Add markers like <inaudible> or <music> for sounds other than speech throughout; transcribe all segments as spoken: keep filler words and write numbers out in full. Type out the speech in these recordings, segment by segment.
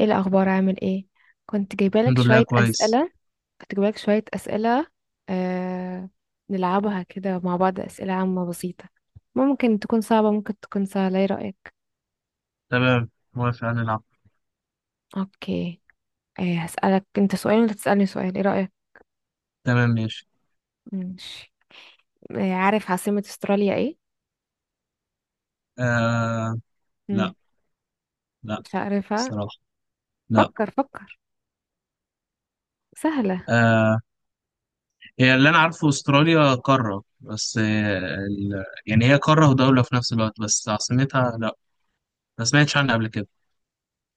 ايه الاخبار، عامل ايه؟ كنت جايبالك الحمد لله، شويه كويس. اسئله. كنت جايبالك شويه اسئله. آه... نلعبها كده مع بعض، اسئله عامه بسيطه. ممكن تكون صعبه، ممكن تكون سهله، ايه رايك؟ تمام، موافق، هنلعب. اوكي. آه هسالك انت سؤال وانت تسالني سؤال، ايه رايك؟ تمام، ماشي. ماشي. آه عارف عاصمه استراليا ايه؟ آه لا، مم. لا، مش عارفها. الصراحة لا. فكر فكر. سهله. آه هي اللي أنا عارفه أستراليا قارة بس آه ال... يعني هي قارة ودولة في نفس الوقت، بس عاصمتها لا، ما سمعتش عنها قبل كده.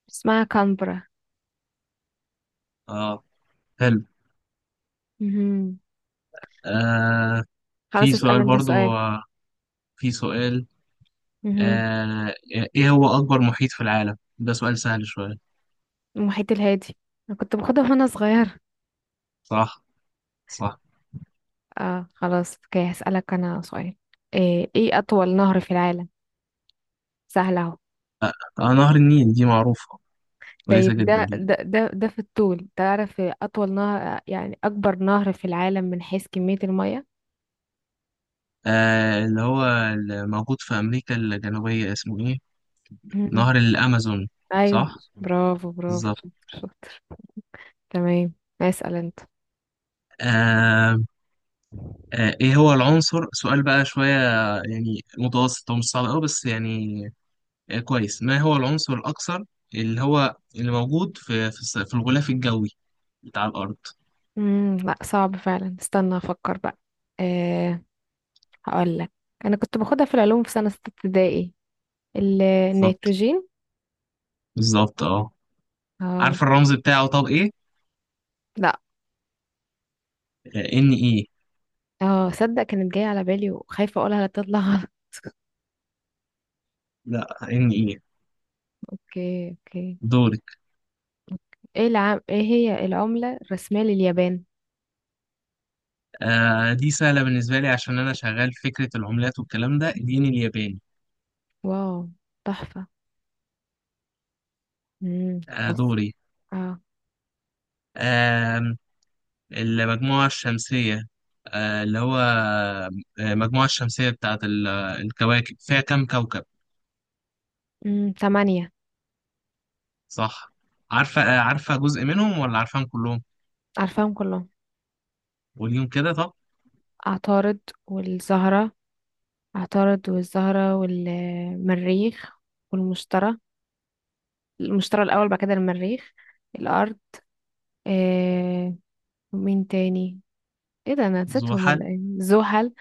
اسمها كامبرا. اه، حلو. مهم. آه خلاص، في اسال سؤال انت برضو، سؤال. آه في سؤال. مهم. آه إيه هو أكبر محيط في العالم؟ ده سؤال سهل شوية. المحيط الهادي. انا كنت باخدها وانا صغيره. صح، صح. اه، خلاص، اوكي، هسألك انا سؤال. ايه, ايه اطول نهر في العالم؟ سهل اهو. آه نهر النيل، دي معروفة، طيب، كويسة جدا ده دي. ده ده ده في الطول، تعرف اطول نهر؟ يعني اكبر نهر في العالم من حيث كمية المية. آه اللي هو اللي موجود في أمريكا الجنوبية اسمه إيه؟ مم. نهر الأمازون، ايوه. صح؟ برافو برافو، بالظبط. شاطر شاطر. تمام. اسأل انت. آه آه إيه هو العنصر؟ سؤال بقى شوية، يعني متوسط، هو مش صعب أوي بس يعني آه كويس. ما هو العنصر الأكثر اللي هو اللي موجود في في, الس- في الغلاف الجوي بتاع الأرض. امم لا، صعب فعلا، استنى افكر بقى. أه. هقول لك. انا كنت باخدها في العلوم في سنة ستة ابتدائي. ال- بالظبط، النيتروجين. بالظبط، أه اه. عارف الرمز بتاعه طب إيه؟ لا، آه إن إيه. اه، صدق كانت جاية على بالي وخايفة اقولها لا تطلع غلط. <laughs> لا، إن إيه. اوكي، اوكي. دورك. ايه العم... ايه هي العملة الرسمية لليابان؟ آه دي سهلة بالنسبة لي عشان أنا شغال في فكرة العملات والكلام ده، الين الياباني. واو. تحفة. امم آه، خلاص. دوري. اه. آم، المجموعة الشمسية، آه، اللي هو آه، المجموعة الشمسية بتاعت ال- الكواكب، فيها كم كوكب؟ امم ثمانية. صح. عارفة آه، عارفة جزء منهم ولا عارفاهم كلهم؟ عارفاهم كلهم. قوليهم كده طب. عطارد والزهرة. عطارد والزهرة والمريخ. والمشتري. المشتري الأول، بعد كده المريخ. الأرض. آه... ومين تاني؟ ايه ده، انا نسيتهم زحل. ولا ايه، زحل.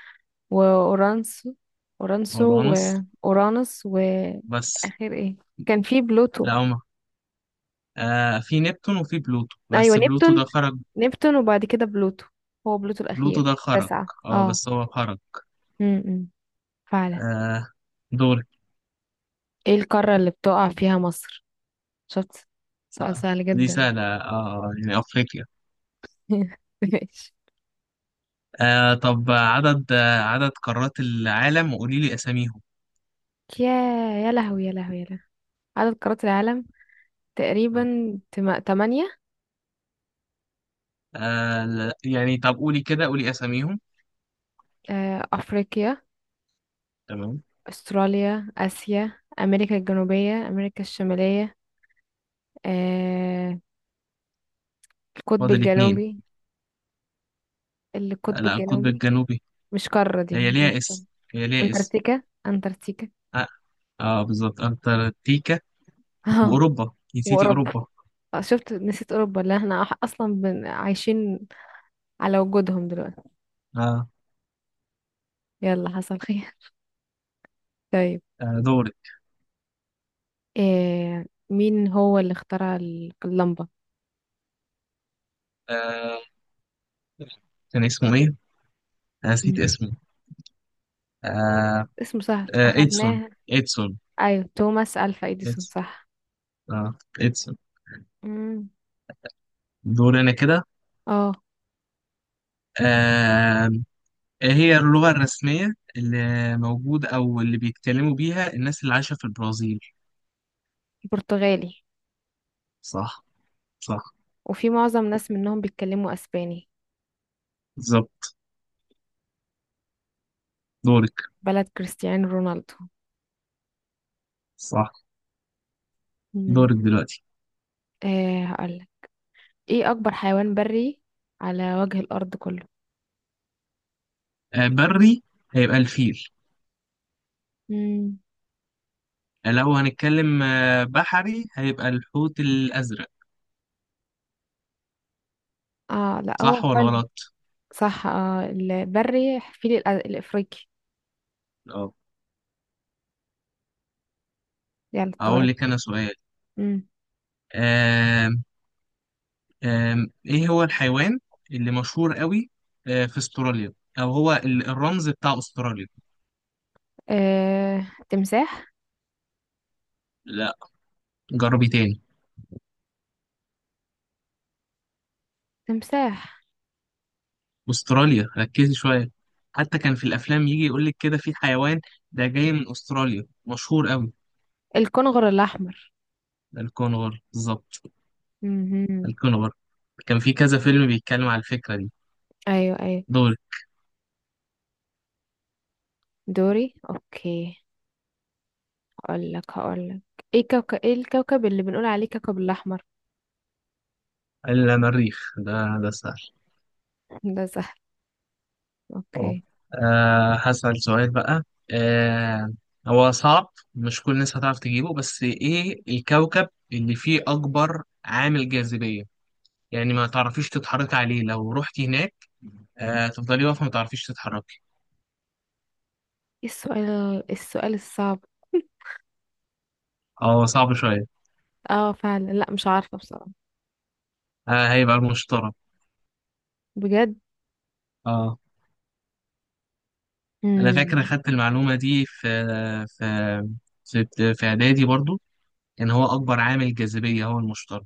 وأورانسو. أورانسو. اورانوس. وأورانوس، بس وآخر ايه؟ كان في بلوتو. لا، هما آه، في نبتون وفي بلوتو، ايوه، بس بلوتو نبتون. ده خرج. نبتون، وبعد كده بلوتو. هو بلوتو بلوتو الأخير. ده خرج. تسعة، اه اه. بس هو خرج. امم فعلا. آه، دوري. ايه القارة اللي بتقع فيها مصر؟ شفت، سؤال آه، سهل دي جدا. سهلة، اه يعني أفريقيا. <laughs> ماشي. آه، طب عدد آه، عدد قارات العالم، وقولي لي أساميهم. يا يا لهوي، يا لهوي، يا لهوي. عدد قارات العالم، تقريبا. آه. تم... تمانية. آه لا، يعني طب قولي كده، قولي اساميهم. آه، أفريقيا. تمام. أستراليا، آسيا، أمريكا الجنوبية، أمريكا الشمالية. آه، القطب فاضل اتنين. الجنوبي. آه، القطب لا، القطب الجنوبي. الجنوبي. مش قارة، هي دي ليها مش قارة. اسم، هي ليها اسم. أنتاركتيكا، أنتاركتيكا. <laughs> اه, آه بالظبط، انتاركتيكا. اه. واوروبا، نسيتي وأوروبا. اوروبا. آه، شفت، نسيت اوروبا اللي احنا أح- اصلا بن... عايشين على وجودهم دلوقتي. اه, يلا، حصل خير. <laughs> طيب. آه دوري. إيه... مين هو اللي اخترع ال- اللمبة؟ آه كان اسمه ايه؟ آه، نسيت مم. اسمه. آه اسمه سهل، آه ادسون، اخدناها. ادسون. ايوه، توماس الفا اديسون، ادسون. صح. اه، ادسون. مم. دوري انا كده. اه. آه إيه هي اللغة الرسمية اللي موجودة او اللي بيتكلموا بيها الناس اللي عايشة في البرازيل؟ برتغالي. صح، صح. وفي معظم ناس منهم بيتكلموا اسباني. بالظبط. دوري. بلد كريستيانو رونالدو. صح. مم. دورك دلوقتي. إيه هقولك. ايه اكبر حيوان بري على وجه الارض كله؟ آه، بري هيبقى الفيل. مم. آه، لو هنتكلم آه، بحري هيبقى الحوت الأزرق. اه، لا هو صح ولا حلو. غلط؟ صح، اه، البري فيل الأ- الافريقي. اه. دي على الطارئ. أقول لك أنا سؤال. امم آم، آم، إيه هو الحيوان اللي مشهور قوي آه، في أستراليا، أو هو ال- الرمز بتاع أستراليا؟ آه، تمساح. لا، جربي تاني. تمساح. أستراليا، ركزي شوية. حتى كان في الأفلام يجي يقول لك كده في حيوان ده جاي من أستراليا مشهور قوي. الكنغر الاحمر. ده الكونغر بالظبط. امم. الكونغر. كان في كذا فيلم بيتكلم على الفكرة دي. ايوه، ايوه. دول. دوري، اوكي. هقول لك هقول لك ايه كوكب، ايه الكوكب اللي بنقول عليه كوكب الاحمر؟ المريخ ده ده سهل. <laughs> ده سهل. اه. اوكي. أه هسأل سؤال بقى. أه هو صعب، مش كل الناس هتعرف تجيبه، بس ايه الكوكب اللي فيه أكبر عامل جاذبية؟ يعني ما تعرفيش تتحركي عليه لو رحتي هناك. أه تفضلي واقفة ما تعرفيش تتحركي. ايه السؤال، السؤال الصعب. <laughs> اه صعب شوية. اه فعلا، لا مش عارفه بصراحه. أه هيبقى المشتري. بجد. اه. أنا فاكر امم أخدت المعلومة دي في، في، في في إعدادي برضو. يعني هو أكبر عامل جاذبية هو المشتري.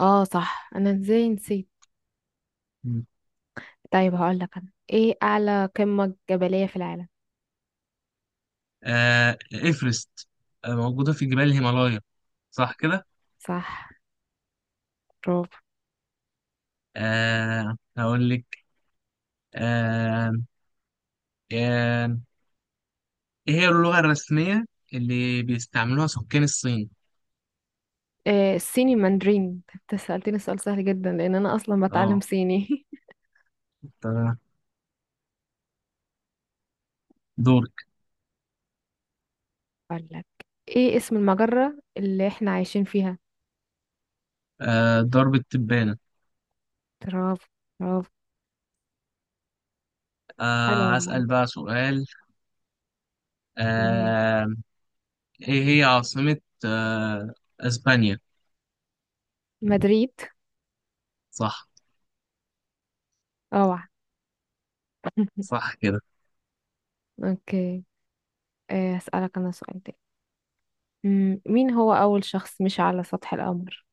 اه، صح، انا ازاي نسيت. مم. طيب، هقول لك انا، ايه اعلى قمه جبليه في العالم؟ آه إيفرست. آه موجودة في جبال الهيمالايا، صح كده؟ صح. برافو. آه هقول لك. آه آه إيه هي اللغة الرسمية اللي بيستعملوها سكان الصين؟ آه الصيني ماندرين، انت سألتني سؤال سهل جدا لان انا اصلا بتعلم أه صيني. <laughs> تمام. دورك. اقول لك. ايه اسم المجرة اللي احنا عايشين فيها؟ آه ضرب التبانة. برافو، برافو. حلو آه والله. أسأل بقى سؤال. مهم. آه إيه هي عاصمة آه أسبانيا؟ مدريد. صح. اوعى. <laughs> صح كده. اوكي. آه اسألك انا سؤال تاني. مم، مين هو اول شخص مشى على سطح القمر؟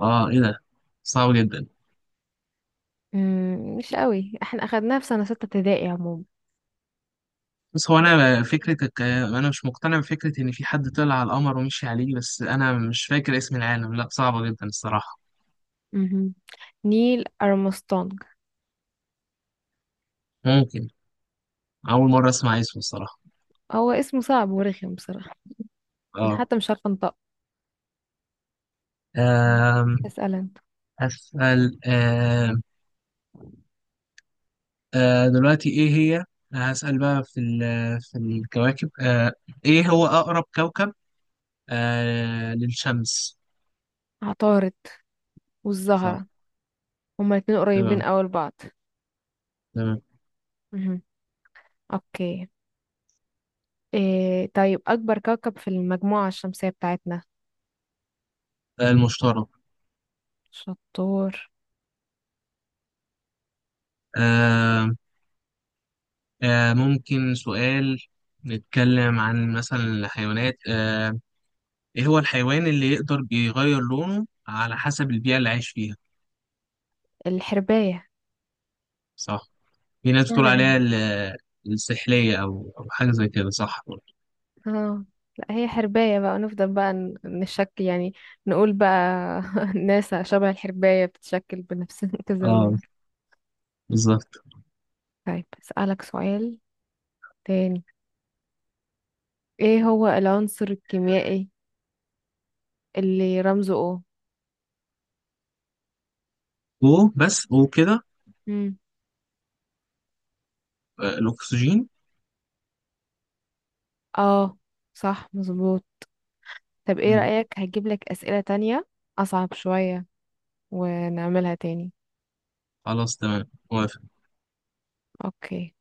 أه إيه ده؟ صعب جدا. مم، مش قوي، احنا اخدناها في سنة ستة ابتدائي عموما. بس هو انا فكرتك انا مش مقتنع بفكره ان في حد طلع على القمر ومشي عليه، بس انا مش فاكر اسم العالم، لا صعبه جدا الصراحه. مهم. نيل ارمسترونج. ممكن. اول مره اسمع اسمه الصراحه. هو اسمه صعب ورخم بصراحة. انا اه. حتى مش عارفة انطقه. آم، اسأل انت. اسال. آم، آه، دلوقتي ايه هي؟ هسال بقى في ال- في الكواكب، آه، ايه هو اقرب كوكب آه، للشمس؟ عطارد صح. والزهرة. هما الاتنين قريبين تمام، أوي لبعض. تمام. مهم. اوكي. إيه، طيب، أكبر كوكب في المجموعة الشمسية بتاعتنا؟ آه، المشتري. شطور. آم، آه، ممكن سؤال، نتكلم عن مثلا الحيوانات، آه، ايه هو الحيوان اللي يقدر بيغير لونه على حسب البيئة اللي عايش فيها؟ الحرباية. صح. في ناس بتقول سهلة عليها جدا. ال- السحلية، أو أو حاجة زي كده، صح برضه. اه، لا هي حرباية بقى، نفضل بقى ن- نشك يعني. نقول بقى. <laughs> ناسا شبه الحرباية، بتتشكل بنفس <laughs> كذا اه، لون. بالظبط. طيب أسألك سؤال تاني. ايه هو العنصر الكيميائي اللي رمزه أو؟ و، بس و كده. مم. آه، الأكسجين. اه، صح، مظبوط. طب ايه مم. رأيك، هجيب لك أسئلة تانية أصعب شوية ونعملها تاني. خلاص، تمام، موافق. اوكي.